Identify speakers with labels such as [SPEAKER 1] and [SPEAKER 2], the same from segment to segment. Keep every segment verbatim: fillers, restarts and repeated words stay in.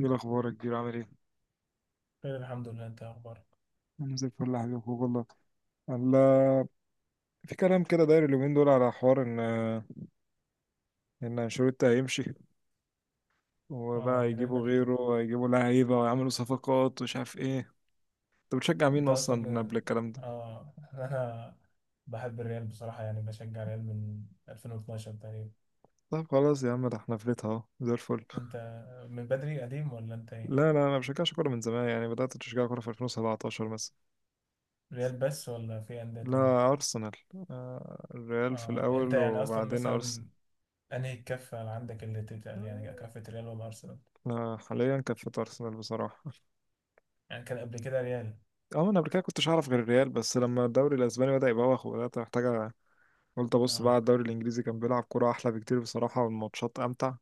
[SPEAKER 1] ايه الاخبار يا كبير، عامل ايه؟
[SPEAKER 2] خير، الحمد لله. انت إيه اخبارك؟
[SPEAKER 1] انا زي الفل يا حبيبي، أخوك والله. الله. في كلام كده داير اليومين دول على حوار ان ان انشيلوتي هيمشي،
[SPEAKER 2] اه،
[SPEAKER 1] وبقى
[SPEAKER 2] من ريال
[SPEAKER 1] يجيبوا
[SPEAKER 2] مدريد.
[SPEAKER 1] غيره، هيجيبوا لعيبه ويعملوا صفقات ومش عارف ايه. انت بتشجع مين
[SPEAKER 2] انت اصلا
[SPEAKER 1] اصلا قبل
[SPEAKER 2] من...
[SPEAKER 1] الكلام ده؟
[SPEAKER 2] اه انا بحب الريال بصراحة، يعني بشجع الريال من ألفين واتناشر تقريبا.
[SPEAKER 1] طب خلاص يا عم، ده احنا فلتها اهو زي الفل.
[SPEAKER 2] انت من بدري قديم ولا انت
[SPEAKER 1] لا،
[SPEAKER 2] ايه؟
[SPEAKER 1] لا، انا ما بشجعش كوره من زمان، يعني بدات اشجع كوره في ألفين وسبعتاشر مثلا.
[SPEAKER 2] ريال بس ولا في أندية تانية؟
[SPEAKER 1] لا، ارسنال. آه، الريال في
[SPEAKER 2] اه، انت
[SPEAKER 1] الاول
[SPEAKER 2] يعني اصلا
[SPEAKER 1] وبعدين ارسنال.
[SPEAKER 2] مثلا انهي الكفة اللي عندك اللي تتقل، يعني كفة ريال ولا ارسنال؟
[SPEAKER 1] آه، حاليا كانت في ارسنال بصراحه.
[SPEAKER 2] يعني كان قبل كده ريال؟
[SPEAKER 1] اه، انا قبل كده كنتش اعرف غير الريال، بس لما الدوري الاسباني بدا يبوخ وبدات محتاجه، قلت ابص
[SPEAKER 2] اه،
[SPEAKER 1] بقى على الدوري الانجليزي، كان بيلعب كوره احلى بكتير بصراحه والماتشات امتع.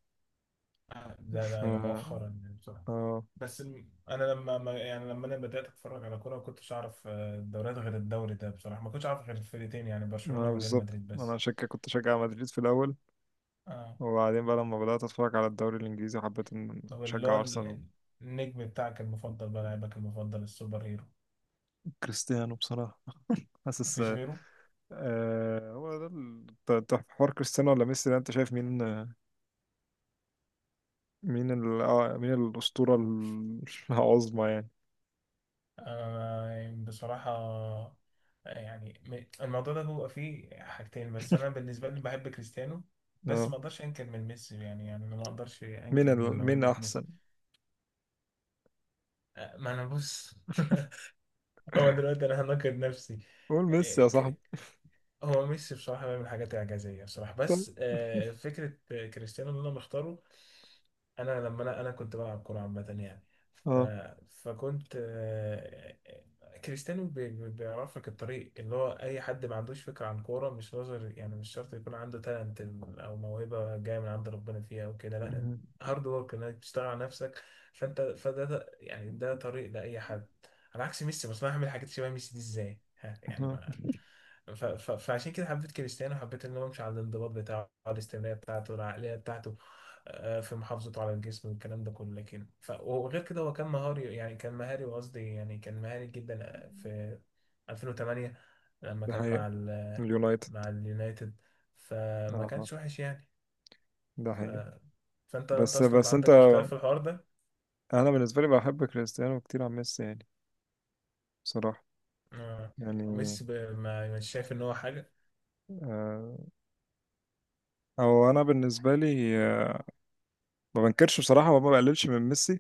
[SPEAKER 2] ده ده
[SPEAKER 1] ف
[SPEAKER 2] ايوه،
[SPEAKER 1] اه
[SPEAKER 2] مؤخرا يعني بصراحة. بس الم- انا لما ما- يعني لما انا بدات اتفرج على كوره ما كنتش اعرف آه، الدوريات غير الدوري ده بصراحه، ما كنتش اعرف غير الفرقتين، يعني
[SPEAKER 1] آه،
[SPEAKER 2] برشلونه وريال
[SPEAKER 1] بالظبط
[SPEAKER 2] مدريد
[SPEAKER 1] انا
[SPEAKER 2] بس.
[SPEAKER 1] شك كنت شجع مدريد في الاول،
[SPEAKER 2] اه،
[SPEAKER 1] وبعدين بقى لما بدات اتفرج على الدوري الانجليزي حبيت ان
[SPEAKER 2] طب اللي هو
[SPEAKER 1] اشجع ارسنال.
[SPEAKER 2] ال- النجم بتاعك المفضل، بقى لاعبك المفضل، السوبر هيرو؟
[SPEAKER 1] كريستيانو بصراحه. حاسس.
[SPEAKER 2] مفيش غيره؟
[SPEAKER 1] آه، هو ده ال- ت- ت- حوار كريستيانو ولا ميسي، ده انت شايف مين؟ مين ال... آه، مين الاسطوره ال- العظمى يعني.
[SPEAKER 2] آه يعني بصراحه. آه، يعني م- الموضوع ده بيبقى فيه حاجتين، بس انا بالنسبه لي بحب كريستيانو. بس
[SPEAKER 1] اه.
[SPEAKER 2] ما اقدرش انكر من ميسي، يعني يعني أنا ما اقدرش
[SPEAKER 1] مين
[SPEAKER 2] انكر من
[SPEAKER 1] ال... مين
[SPEAKER 2] موهبه ميسي.
[SPEAKER 1] احسن؟
[SPEAKER 2] آه، ما انا بص. هو دلوقتي انا همكن نفسي.
[SPEAKER 1] قول ميسي يا
[SPEAKER 2] إيه،
[SPEAKER 1] صاحبي.
[SPEAKER 2] ك- هو ميسي بصراحة بيعمل حاجات إعجازية بصراحة،
[SPEAKER 1] طيب.
[SPEAKER 2] بس آه، فكرة. آه، كريستيانو اللي أنا مختاره. أنا لما أنا أنا كنت بلعب كورة عامة يعني. ف...
[SPEAKER 1] اه.
[SPEAKER 2] فكنت آه، كريستيانو بي- بي- بيعرف لك الطريق، اللي هو أي حد ما عندوش فكرة عن كورة، مش نظر يعني، مش شرط يكون عنده تالنت أو موهبة جاية من عند ربنا فيها أو كده، لأ.
[SPEAKER 1] مم.
[SPEAKER 2] هارد ورك إنك تشتغل على نفسك. فأنت فده ده يعني ده طريق لأي حد، على عكس ميسي. بس أنا هعمل حاجات شبه ميسي دي إزاي؟ ها، يعني
[SPEAKER 1] مم.
[SPEAKER 2] ف... ف... فعشان كده حبيت كريستيانو، حبيت ان هو يمشي على الانضباط بتاعه، على الاستمراريه بتاعته، العقليه بتاعته، آه، في محافظته على الجسم والكلام ده كله. لكن ف... وغير كده هو كان مهاري، يعني كان مهاري قصدي، يعني كان مهاري جدا آه، في ألفين وثمانية لما
[SPEAKER 1] ده
[SPEAKER 2] كان
[SPEAKER 1] حقيقة.
[SPEAKER 2] مع ال...
[SPEAKER 1] اليونايتد.
[SPEAKER 2] مع اليونايتد،
[SPEAKER 1] اه،
[SPEAKER 2] فما
[SPEAKER 1] اه.
[SPEAKER 2] كانش وحش يعني.
[SPEAKER 1] ده
[SPEAKER 2] ف...
[SPEAKER 1] حقيقة.
[SPEAKER 2] فانت انت
[SPEAKER 1] بس
[SPEAKER 2] اصلا
[SPEAKER 1] بس انت.
[SPEAKER 2] عندك اختلاف في الحوار ده.
[SPEAKER 1] انا بالنسبة لي بحب كريستيانو كتير عن ميسي، يعني. بصراحة.
[SPEAKER 2] آه،
[SPEAKER 1] يعني.
[SPEAKER 2] ميسي ب... ما مش شايف ان هو حاجه.
[SPEAKER 1] آه. او انا بالنسبة لي، آه ما بنكرش بصراحة وما بقللش من ميسي.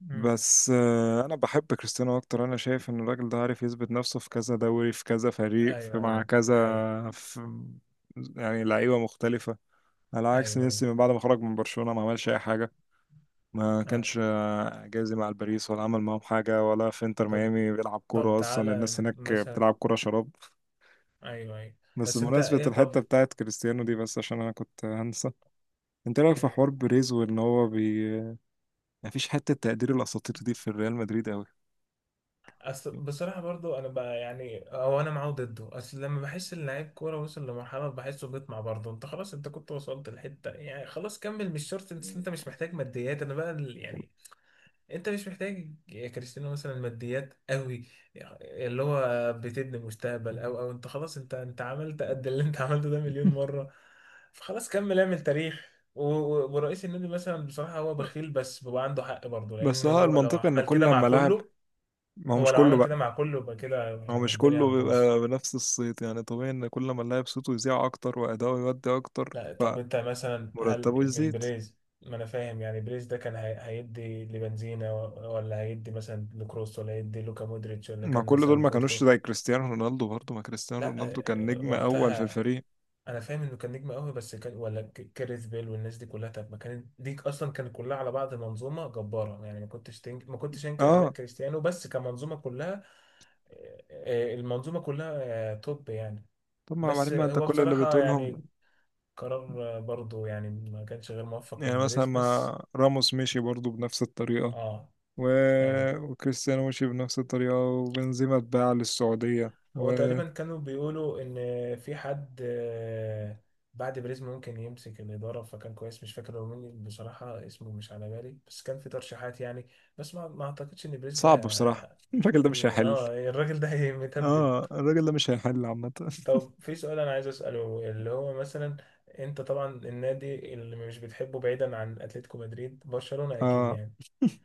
[SPEAKER 2] مم.
[SPEAKER 1] بس آه انا بحب كريستيانو اكتر، انا شايف ان الراجل ده عارف يثبت نفسه في كذا دوري، في كذا فريق، في
[SPEAKER 2] ايوه،
[SPEAKER 1] مع
[SPEAKER 2] ايوه، ده
[SPEAKER 1] كذا،
[SPEAKER 2] حقيقي.
[SPEAKER 1] في، يعني لعيبة مختلفة. على عكس
[SPEAKER 2] ايوه، ايوه.
[SPEAKER 1] ميسي، من بعد ما خرج من برشلونة ما عملش اي حاجة. ما
[SPEAKER 2] آه.
[SPEAKER 1] كانش آه، جايز مع الباريس، ولا عمل معاهم حاجة، ولا في انتر
[SPEAKER 2] طب
[SPEAKER 1] ميامي بيلعب
[SPEAKER 2] طب
[SPEAKER 1] كورة، أصلا الناس
[SPEAKER 2] تعالى
[SPEAKER 1] هناك
[SPEAKER 2] مثلا.
[SPEAKER 1] بتلعب كورة شراب.
[SPEAKER 2] ايوه، ايوه.
[SPEAKER 1] بس
[SPEAKER 2] بس انت
[SPEAKER 1] بمناسبة
[SPEAKER 2] ايه
[SPEAKER 1] الحتة
[SPEAKER 2] طب؟
[SPEAKER 1] بتاعت كريستيانو دي، بس عشان أنا كنت هنسى. انت رأيك في
[SPEAKER 2] إيه؟
[SPEAKER 1] حوار بيريز، وإن هو بي... مفيش حتة تقدير الأساطير دي في الريال مدريد أوي.
[SPEAKER 2] أصل بصراحة برضو أنا بقى، يعني أو أنا معاه ضده. أصل لما بحس إن لعيب كورة وصل لمرحلة بحسه بيطمع برضه. أنت خلاص، أنت كنت وصلت لحتة، يعني خلاص كمل، مش شرط. أنت أنت مش محتاج ماديات. أنا بقى ال- يعني انت مش محتاج يا كريستيانو مثلا ماديات قوي، اللي هو بتبني مستقبل، او او انت خلاص، انت انت عملت قد اللي انت عملته ده مليون مرة. فخلاص كمل، اعمل تاريخ. و- و- ورئيس النادي مثلا بصراحة هو بخيل، بس بيبقى عنده حق برضه،
[SPEAKER 1] بس
[SPEAKER 2] لان
[SPEAKER 1] هو
[SPEAKER 2] هو لو
[SPEAKER 1] المنطقة، إن
[SPEAKER 2] عمل
[SPEAKER 1] كل
[SPEAKER 2] كده مع
[SPEAKER 1] لما لاعب.
[SPEAKER 2] كله،
[SPEAKER 1] ما هو
[SPEAKER 2] هو
[SPEAKER 1] مش
[SPEAKER 2] لو
[SPEAKER 1] كله
[SPEAKER 2] عمل كده
[SPEAKER 1] بقى.
[SPEAKER 2] مع كله، يبقى كده
[SPEAKER 1] ما هو مش
[SPEAKER 2] الدنيا
[SPEAKER 1] كله
[SPEAKER 2] هتبوظ.
[SPEAKER 1] بيبقى بنفس الصيت، يعني طبيعي إن كل لما اللاعب صوته يذيع أكتر وأداؤه يودي أكتر،
[SPEAKER 2] لا، طب انت مثلا
[SPEAKER 1] فمرتبه
[SPEAKER 2] هل من
[SPEAKER 1] يزيد.
[SPEAKER 2] بريز؟ ما انا فاهم، يعني بريز ده كان هي- هيدي لبنزينا، و- ولا هيدي مثلا لكروس، ولا هيدي لوكا مودريتش، ولا
[SPEAKER 1] ما
[SPEAKER 2] كان
[SPEAKER 1] كل دول
[SPEAKER 2] مثلا
[SPEAKER 1] ما
[SPEAKER 2] كورتوا؟
[SPEAKER 1] كانوش زي كريستيانو رونالدو برضه، ما كريستيانو
[SPEAKER 2] لا.
[SPEAKER 1] رونالدو كان
[SPEAKER 2] آه،
[SPEAKER 1] نجم اول في
[SPEAKER 2] وقتها،
[SPEAKER 1] الفريق.
[SPEAKER 2] انا فاهم انه كان نجم قوي، بس كان ولا ك- كاريث بيل والناس دي كلها، طب ما كانت دي اصلا كانت كلها على بعض منظومه جباره، يعني ما كنتش تنك... ما كنتش انكر اداء
[SPEAKER 1] اه،
[SPEAKER 2] كريستيانو، بس كمنظومه كلها. آه، آه، المنظومه كلها آه، توب يعني.
[SPEAKER 1] طب ما
[SPEAKER 2] بس
[SPEAKER 1] بعدين ما
[SPEAKER 2] آه،
[SPEAKER 1] انت
[SPEAKER 2] هو
[SPEAKER 1] كل اللي
[SPEAKER 2] بصراحه
[SPEAKER 1] بتقولهم.
[SPEAKER 2] يعني قرار آه، برضه، يعني ما كانش غير موفق
[SPEAKER 1] يعني
[SPEAKER 2] من
[SPEAKER 1] مثلا
[SPEAKER 2] بيريز بس.
[SPEAKER 1] ما راموس مشي برضه بنفس الطريقة،
[SPEAKER 2] اه،
[SPEAKER 1] و...
[SPEAKER 2] ايوه.
[SPEAKER 1] وكريستيانو مشي بنفس الطريقة، وبنزيما اتباع للسعودية و.
[SPEAKER 2] هو تقريبا كانوا بيقولوا ان في حد آه، بعد بريز ممكن يمسك الاداره، فكان كويس. مش فاكر هو مين بصراحه، اسمه مش على بالي، بس كان في ترشيحات يعني. بس ما ما اعتقدش ان بريز ده
[SPEAKER 1] صعب بصراحة الراجل ده مش
[SPEAKER 2] هي-
[SPEAKER 1] هيحل.
[SPEAKER 2] اه، الراجل ده هي-
[SPEAKER 1] اه،
[SPEAKER 2] متبت.
[SPEAKER 1] الراجل ده مش هيحل عامة
[SPEAKER 2] طب، في سؤال انا عايز اساله اللي هو مثلا انت طبعا النادي اللي مش بتحبه، بعيدا عن اتلتيكو مدريد، برشلونه اكيد
[SPEAKER 1] اه،
[SPEAKER 2] يعني،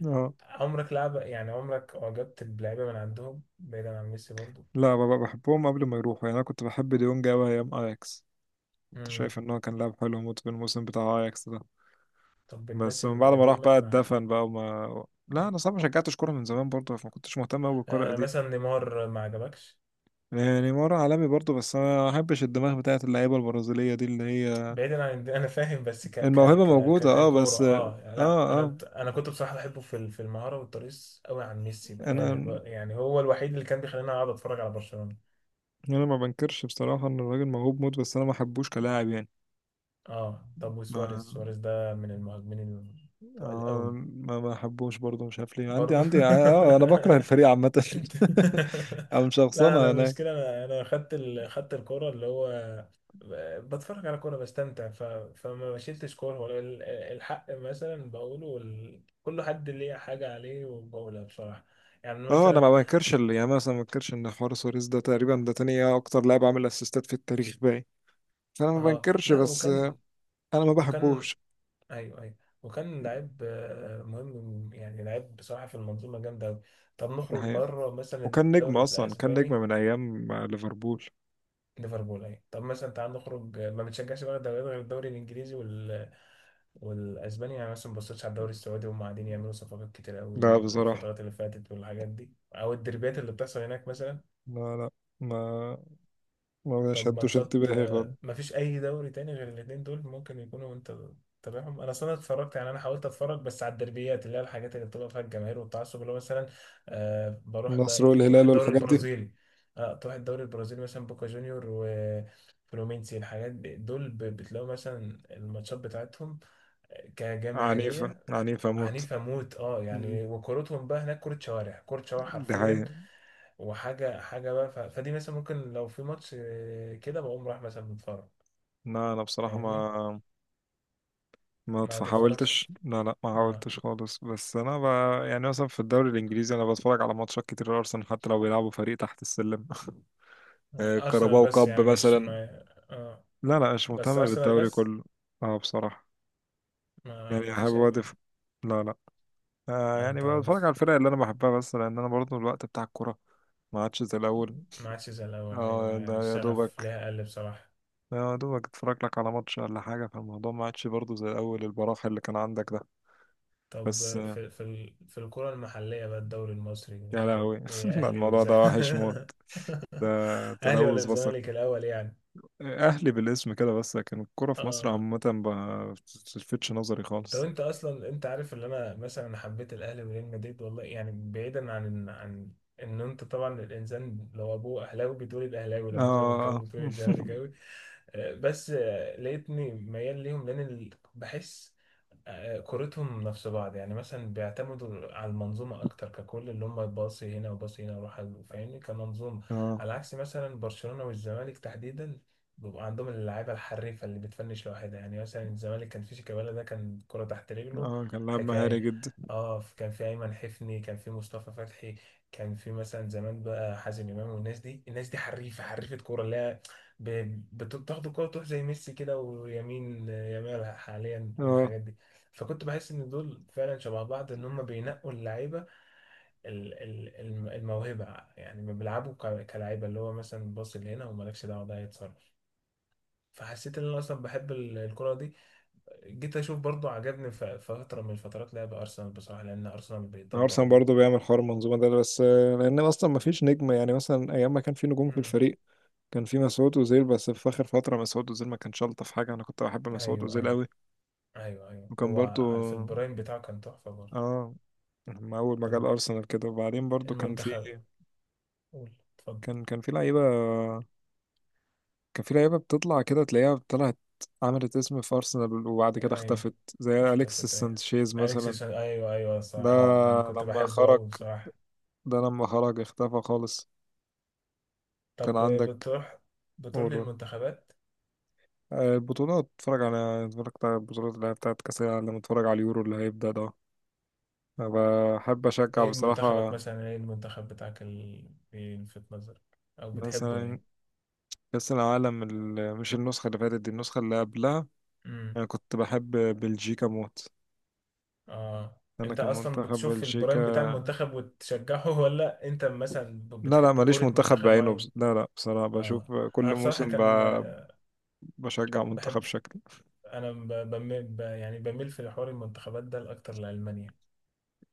[SPEAKER 1] اه.
[SPEAKER 2] عمرك لعب، يعني عمرك اعجبت بلعيبه من عندهم، بعيدا عن ميسي برضو؟
[SPEAKER 1] لا بابا، بحبهم قبل ما يروحوا، يعني انا كنت بحب ديونج قوي ايام اياكس. كنت
[SPEAKER 2] امم.
[SPEAKER 1] شايف ان هو كان لاعب حلو موت في الموسم بتاع اياكس.
[SPEAKER 2] طب
[SPEAKER 1] بس
[SPEAKER 2] الناس
[SPEAKER 1] من بعد ما راح
[SPEAKER 2] القديمه؟
[SPEAKER 1] بقى اتدفن بقى وما.
[SPEAKER 2] ما
[SPEAKER 1] لا، انا صعب، ما شجعتش كوره من زمان برضه، فما كنتش مهتم قوي بالكوره
[SPEAKER 2] آه
[SPEAKER 1] القديمه.
[SPEAKER 2] مثلا، نيمار ما عجبكش؟
[SPEAKER 1] يعني مره عالمي برضه، بس انا ما احبش الدماغ بتاعت اللعيبه البرازيليه دي اللي هي.
[SPEAKER 2] بعيدا عن الد- انا فاهم، بس ك ك
[SPEAKER 1] الموهبه
[SPEAKER 2] ك ك-
[SPEAKER 1] موجوده،
[SPEAKER 2] كان
[SPEAKER 1] اه،
[SPEAKER 2] كوره،
[SPEAKER 1] بس، اه.
[SPEAKER 2] اه يعني. لا،
[SPEAKER 1] اه.
[SPEAKER 2] انا انا كنت بصراحه بحبه في ال- في المهاره والترقيص قوي عن ميسي بامانه. الو-
[SPEAKER 1] انا
[SPEAKER 2] يعني هو الوحيد اللي كان بيخليني اقعد اتفرج على برشلونه.
[SPEAKER 1] انا ما بنكرش بصراحه ان الراجل موهوب موت، بس انا ما احبوش كلاعب يعني.
[SPEAKER 2] اه، طب وسواريز،
[SPEAKER 1] ما،
[SPEAKER 2] سواريز ده من المهاجمين التقال
[SPEAKER 1] آه،
[SPEAKER 2] قوي.
[SPEAKER 1] ما ما احبوش برضه، مش عارف ليه، عندي
[SPEAKER 2] برضه.
[SPEAKER 1] عندي اه انا بكره الفريق عامه.
[SPEAKER 2] انت.
[SPEAKER 1] او مش
[SPEAKER 2] لا، انا
[SPEAKER 1] شخصنها انا.
[SPEAKER 2] المشكله، انا انا خدت ال... خدت الكوره، اللي هو بتفرج على كورة بستمتع. ف... فما بشيلتش كورة، ولا ال- الحق مثلا بقوله، وال... كل حد ليه حاجة عليه وبقولها بصراحة، يعني
[SPEAKER 1] اه، انا
[SPEAKER 2] مثلا.
[SPEAKER 1] ما بنكرش اللي يعني، مثلا ما بنكرش ان حوار سواريز ده تقريبا ده تاني اكتر لاعب عامل اسيستات في التاريخ، باين. فانا ما
[SPEAKER 2] اه،
[SPEAKER 1] بنكرش،
[SPEAKER 2] لا،
[SPEAKER 1] بس.
[SPEAKER 2] وكان،
[SPEAKER 1] انا ما
[SPEAKER 2] وكان،
[SPEAKER 1] بحبوش.
[SPEAKER 2] ايوه ايوه، وكان لعيب آه، مهم يعني، لعيب بصراحة في المنظومة، جامدة أوي. طب
[SPEAKER 1] ده
[SPEAKER 2] نخرج
[SPEAKER 1] حقيقة.
[SPEAKER 2] مرة مثلا
[SPEAKER 1] وكان نجم
[SPEAKER 2] الدوري
[SPEAKER 1] اصلا، كان نجم
[SPEAKER 2] الأسباني.
[SPEAKER 1] من ايام ليفربول.
[SPEAKER 2] ليفربول اهي. طب مثلا، تعال نخرج، ما بتشجعش بقى دوريات غير الدوري الإنجليزي والاسباني؟ يعني مثلا ما بصيتش على الدوري السعودي؟ هم قاعدين يعملوا صفقات كتير قوي
[SPEAKER 1] لا بصراحة.
[SPEAKER 2] الفترات اللي فاتت والحاجات دي، او الدربيات اللي بتحصل هناك مثلا.
[SPEAKER 1] لا، لا. ما. ما
[SPEAKER 2] طب
[SPEAKER 1] شدوش
[SPEAKER 2] ماتشات،
[SPEAKER 1] انتباهي
[SPEAKER 2] آه،
[SPEAKER 1] خالص.
[SPEAKER 2] ما فيش اي دوري تاني غير الاتنين دول ممكن يكونوا انت تابعهم؟ انا اصلا اتفرجت، يعني انا حاولت اتفرج بس على الدربيات، اللي هي الحاجات اللي بتبقى فيها الجماهير والتعصب اللي هو مثلا، آه بروح بقى
[SPEAKER 1] النصر
[SPEAKER 2] ايه، تروح
[SPEAKER 1] والهلال
[SPEAKER 2] الدوري
[SPEAKER 1] والحاجات دي.
[SPEAKER 2] البرازيلي؟ اه، تروح الدوري البرازيلي مثلا، بوكا جونيور وفلومينسي، الحاجات دي دول ب- بتلاقوا مثلا الماتشات بتاعتهم
[SPEAKER 1] عنيفة،
[SPEAKER 2] كجماهيرية
[SPEAKER 1] عنيفة موت.
[SPEAKER 2] عنيفة موت، اه
[SPEAKER 1] مم.
[SPEAKER 2] يعني. وكورتهم بقى هناك كورة شوارع، كورة شوارع
[SPEAKER 1] دي
[SPEAKER 2] حرفيا،
[SPEAKER 1] حقيقة.
[SPEAKER 2] وحاجة حاجة بقى. ف... فدي مثلا ممكن لو في ماتش آه، كده بقوم رايح مثلا متفرج.
[SPEAKER 1] لا، أنا بصراحة
[SPEAKER 2] فاهمني؟
[SPEAKER 1] ما. ما
[SPEAKER 2] ما تتفرجش؟
[SPEAKER 1] فحاولتش، لا، لا، ما
[SPEAKER 2] اه.
[SPEAKER 1] حاولتش خالص، بس انا ب... يعني مثلا في الدوري الانجليزي انا بتفرج على ماتشات كتير لارسنال حتى لو بيلعبوا فريق تحت السلم
[SPEAKER 2] آه.
[SPEAKER 1] آه،
[SPEAKER 2] أرسنال
[SPEAKER 1] كاراباو
[SPEAKER 2] بس؟
[SPEAKER 1] كاب
[SPEAKER 2] يعني مش
[SPEAKER 1] مثلا.
[SPEAKER 2] ما... اه،
[SPEAKER 1] لا، لا، مش
[SPEAKER 2] بس
[SPEAKER 1] مهتم
[SPEAKER 2] أرسنال
[SPEAKER 1] بالدوري
[SPEAKER 2] بس؟
[SPEAKER 1] كله. اه بصراحة.
[SPEAKER 2] ما,
[SPEAKER 1] يعني
[SPEAKER 2] ما
[SPEAKER 1] احب
[SPEAKER 2] فيش أي ما.
[SPEAKER 1] وادف. لا، لا. آه
[SPEAKER 2] أنت
[SPEAKER 1] يعني، بتفرج على
[SPEAKER 2] بص-
[SPEAKER 1] الفرق اللي انا بحبها، بس لان انا برضه الوقت بتاع الكورة ما عادش زي الاول.
[SPEAKER 2] ما عادش زي الأول،
[SPEAKER 1] اه،
[SPEAKER 2] أيوه يعني،
[SPEAKER 1] ده يا
[SPEAKER 2] الشغف
[SPEAKER 1] دوبك.
[SPEAKER 2] ليها قل بصراحة.
[SPEAKER 1] آه، يا دوبك اتفرج لك على ماتش ولا حاجة، فالموضوع ما عادش برضه زي الاول، البراح اللي كان عندك ده.
[SPEAKER 2] طب
[SPEAKER 1] بس.
[SPEAKER 2] آه، في في ال... في الكرة المحلية بقى، الدوري المصري،
[SPEAKER 1] يا
[SPEAKER 2] الدوري،
[SPEAKER 1] لهوي
[SPEAKER 2] إيه،
[SPEAKER 1] لا،
[SPEAKER 2] أهلي
[SPEAKER 1] الموضوع ده وحش موت.
[SPEAKER 2] والزمالك.
[SPEAKER 1] ده.
[SPEAKER 2] أهلي ولا
[SPEAKER 1] تلوث بصر.
[SPEAKER 2] الزمالك الأول، يعني؟
[SPEAKER 1] اهلي بالاسم كده بس، لكن الكرة في مصر
[SPEAKER 2] اه،
[SPEAKER 1] عامة ما بتلفتش نظري
[SPEAKER 2] طب
[SPEAKER 1] خالص.
[SPEAKER 2] انت اصلا، انت عارف ان انا مثلا حبيت الاهلي وريال مدريد والله، يعني بعيدا عن عن ان انت طبعا الانسان لو ابوه اهلاوي بيتولد اهلاوي، لو ابوه
[SPEAKER 1] اه.
[SPEAKER 2] زملكاوي بيتولد زملكاوي. آه، بس آه، لقيتني ميال ليهم، لان ال- بحس آه، كورتهم نفس بعض، يعني مثلا بيعتمدوا على المنظومة أكتر ككل، اللي هم باصي هنا وباصي هنا وراح ال- فاهمني، كمنظومة.
[SPEAKER 1] اه.
[SPEAKER 2] على عكس مثلا برشلونة والزمالك تحديدا، بيبقى عندهم اللعيبة الحريفة اللي بتفنش لوحدها. يعني مثلا الزمالك كان في شيكابالا، ده كان كرة تحت رجله،
[SPEAKER 1] اه، كان لاعب مهاري
[SPEAKER 2] حكاية.
[SPEAKER 1] جدا.
[SPEAKER 2] اه، كان في أيمن حفني، كان في مصطفى فتحي، كان في مثلا زمان بقى حازم إمام والناس دي، الناس دي حريفة، حريفة كورة، اللي هي ب- بتاخد الكورة تروح زي ميسي كده، ويمين يامال حاليا،
[SPEAKER 1] اه،
[SPEAKER 2] والحاجات دي. فكنت بحس ان دول فعلا شبه بعض، ان هم بينقوا اللعيبه، ال- ال- الم- الموهبه، يعني ما بيلعبوا ك- كلاعيبه، اللي هو مثلا باص لهنا ومالكش دعوه، ده هيتصرف. فحسيت ان انا اصلا بحب ال- الكره دي، جيت اشوف برضو. عجبني ف- فتره من فترات لعب ارسنال بصراحه، لان ارسنال بيطبق
[SPEAKER 1] ارسنال
[SPEAKER 2] ال...
[SPEAKER 1] برضه بيعمل حوار المنظومه ده، بس آه، لان اصلا ما فيش نجم، يعني مثلا ايام ما كان في نجوم في
[SPEAKER 2] مم.
[SPEAKER 1] الفريق، كان في مسعود اوزيل، بس في اخر فتره مسعود اوزيل ما كانش شلطه في حاجه، انا كنت بحب مسعود
[SPEAKER 2] ايوه،
[SPEAKER 1] اوزيل
[SPEAKER 2] ايوه،
[SPEAKER 1] قوي.
[SPEAKER 2] ايوه، ايوه.
[SPEAKER 1] وكان برضه.
[SPEAKER 2] هو على- في البرايم بتاعه كان تحفه برضه.
[SPEAKER 1] اه. لما اول ما
[SPEAKER 2] طب
[SPEAKER 1] جه الارسنال كده، وبعدين برضه كان في.
[SPEAKER 2] المنتخب، قول، اتفضل.
[SPEAKER 1] كان كان في لعيبة. كان في لعيبة بتطلع كده تلاقيها طلعت، عملت اسم في أرسنال وبعد كده
[SPEAKER 2] ايوه،
[SPEAKER 1] اختفت، زي أليكس
[SPEAKER 2] اختفت ايوه.
[SPEAKER 1] سانشيز
[SPEAKER 2] اليكس
[SPEAKER 1] مثلا.
[SPEAKER 2] سان- ايوه، ايوه، صح،
[SPEAKER 1] ده
[SPEAKER 2] ايوه، ده انا كنت
[SPEAKER 1] لما
[SPEAKER 2] بحبه
[SPEAKER 1] خرج.
[SPEAKER 2] قوي بصراحه.
[SPEAKER 1] ده لما خرج اختفى خالص. كان
[SPEAKER 2] طب
[SPEAKER 1] عندك.
[SPEAKER 2] بتروح بتروح
[SPEAKER 1] قولوا.
[SPEAKER 2] للمنتخبات؟
[SPEAKER 1] آه، البطولات، اتفرج على اتفرجت على البطولات اللي هي بتاعت كأس العالم، لما اتفرج على اليورو اللي هيبدأ ده. أنا بحب أشجع
[SPEAKER 2] ايه منتخبك
[SPEAKER 1] بصراحة.
[SPEAKER 2] مثلا، ايه المنتخب بتاعك اللي في نظرك او بتحبه
[SPEAKER 1] مثلا
[SPEAKER 2] يعني؟
[SPEAKER 1] كأس العالم ال- مش النسخة اللي فاتت دي، النسخة اللي قبلها.
[SPEAKER 2] امم.
[SPEAKER 1] أنا كنت بحب بلجيكا موت.
[SPEAKER 2] اه،
[SPEAKER 1] أنا
[SPEAKER 2] انت
[SPEAKER 1] كان
[SPEAKER 2] اصلا
[SPEAKER 1] منتخب
[SPEAKER 2] بتشوف البرايم
[SPEAKER 1] بلجيكا.
[SPEAKER 2] بتاع المنتخب وتشجعه؟ ولا انت مثلا ب-
[SPEAKER 1] لا، لا،
[SPEAKER 2] بتحب
[SPEAKER 1] ماليش
[SPEAKER 2] كرة
[SPEAKER 1] منتخب
[SPEAKER 2] منتخب
[SPEAKER 1] بعينه، بس.
[SPEAKER 2] معين؟
[SPEAKER 1] لا، لا، بصراحة بشوف
[SPEAKER 2] اه،
[SPEAKER 1] كل
[SPEAKER 2] انا بصراحة
[SPEAKER 1] موسم ب...
[SPEAKER 2] كان آه،
[SPEAKER 1] بشجع منتخب
[SPEAKER 2] بحب.
[SPEAKER 1] شكل.
[SPEAKER 2] انا ب- بميل، ب- يعني بميل في حوار المنتخبات ده لاكتر لألمانيا.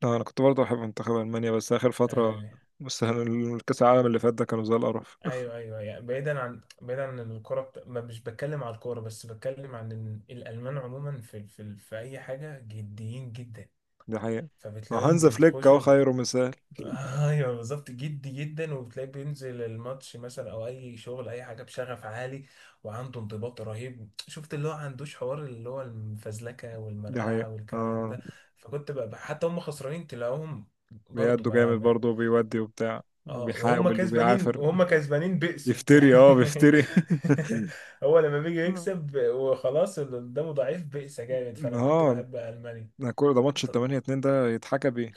[SPEAKER 1] لا، أنا كنت برضه بحب منتخب ألمانيا، بس آخر فترة.
[SPEAKER 2] آه.
[SPEAKER 1] بس الكأس العالم اللي فات ده كانوا زي القرف.
[SPEAKER 2] ايوه، ايوه، يعني بعيدا عن بعيدا عن الكوره بت... ما مش بتكلم على الكوره، بس بتكلم عن إن الالمان عموما في في ال- في اي حاجه جديين جدا.
[SPEAKER 1] دي حقيقة. ما
[SPEAKER 2] فبتلاقيهم
[SPEAKER 1] هانز فليك أهو
[SPEAKER 2] بيتخشوا ال-
[SPEAKER 1] خيره مثال.
[SPEAKER 2] ايوه بالظبط، جدي جدا، وبتلاقيه بينزل الماتش مثلا او اي شغل، اي حاجه بشغف عالي وعنده انضباط رهيب. شفت اللي هو عندوش حوار اللي هو المفزلكه
[SPEAKER 1] دي حقيقة،
[SPEAKER 2] والمرقعه والكلام
[SPEAKER 1] آه.
[SPEAKER 2] ده. فكنت بقى حتى هم خسرانين تلاقوهم برضو،
[SPEAKER 1] بيأدوا جامد
[SPEAKER 2] ما
[SPEAKER 1] برضه، وبيودي وبتاع
[SPEAKER 2] اه، وهم
[SPEAKER 1] وبيحاول
[SPEAKER 2] كسبانين،
[SPEAKER 1] وبيعافر.
[SPEAKER 2] وهم كسبانين بئسوا
[SPEAKER 1] يفتري، اه،
[SPEAKER 2] يعني.
[SPEAKER 1] بيفتري.
[SPEAKER 2] هو لما بيجي يكسب وخلاص اللي قدامه ضعيف، بئس جامد، فانا كنت
[SPEAKER 1] اه.
[SPEAKER 2] بحب المانيا.
[SPEAKER 1] ده كل ده ماتش
[SPEAKER 2] طب
[SPEAKER 1] التمانية اتنين ده يتحكى بيه.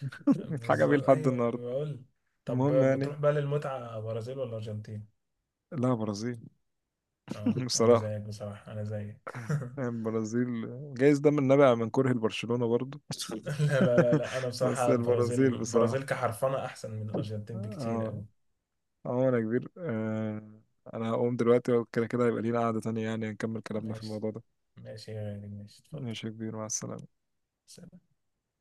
[SPEAKER 1] يتحكى بيه
[SPEAKER 2] بالظبط،
[SPEAKER 1] لحد
[SPEAKER 2] ايوه انا
[SPEAKER 1] النهاردة.
[SPEAKER 2] بقول، طب
[SPEAKER 1] المهم يعني.
[SPEAKER 2] بتروح بقى للمتعه، برازيل ولا ارجنتين؟
[SPEAKER 1] لا، برازيل.
[SPEAKER 2] اه، انا
[SPEAKER 1] بصراحة.
[SPEAKER 2] زيك بصراحه، انا زيك.
[SPEAKER 1] البرازيل. جايز ده من نابع من كره لبرشلونة برضو.
[SPEAKER 2] لا، لا، لا، لا، انا
[SPEAKER 1] بس
[SPEAKER 2] بصراحه البرازيل،
[SPEAKER 1] البرازيل
[SPEAKER 2] البرازيل
[SPEAKER 1] بصراحة.
[SPEAKER 2] كحرفنه احسن من الارجنتين بكتير
[SPEAKER 1] اه.
[SPEAKER 2] قوي.
[SPEAKER 1] اه، انا كبير، آه. انا هقوم دلوقتي، وكده كده هيبقى لينا قعدة تانية، يعني نكمل كلامنا في
[SPEAKER 2] ماشي،
[SPEAKER 1] الموضوع ده.
[SPEAKER 2] ماشي يا غالي، ماشي، اتفضل.
[SPEAKER 1] ماشي يا كبير، مع السلامة.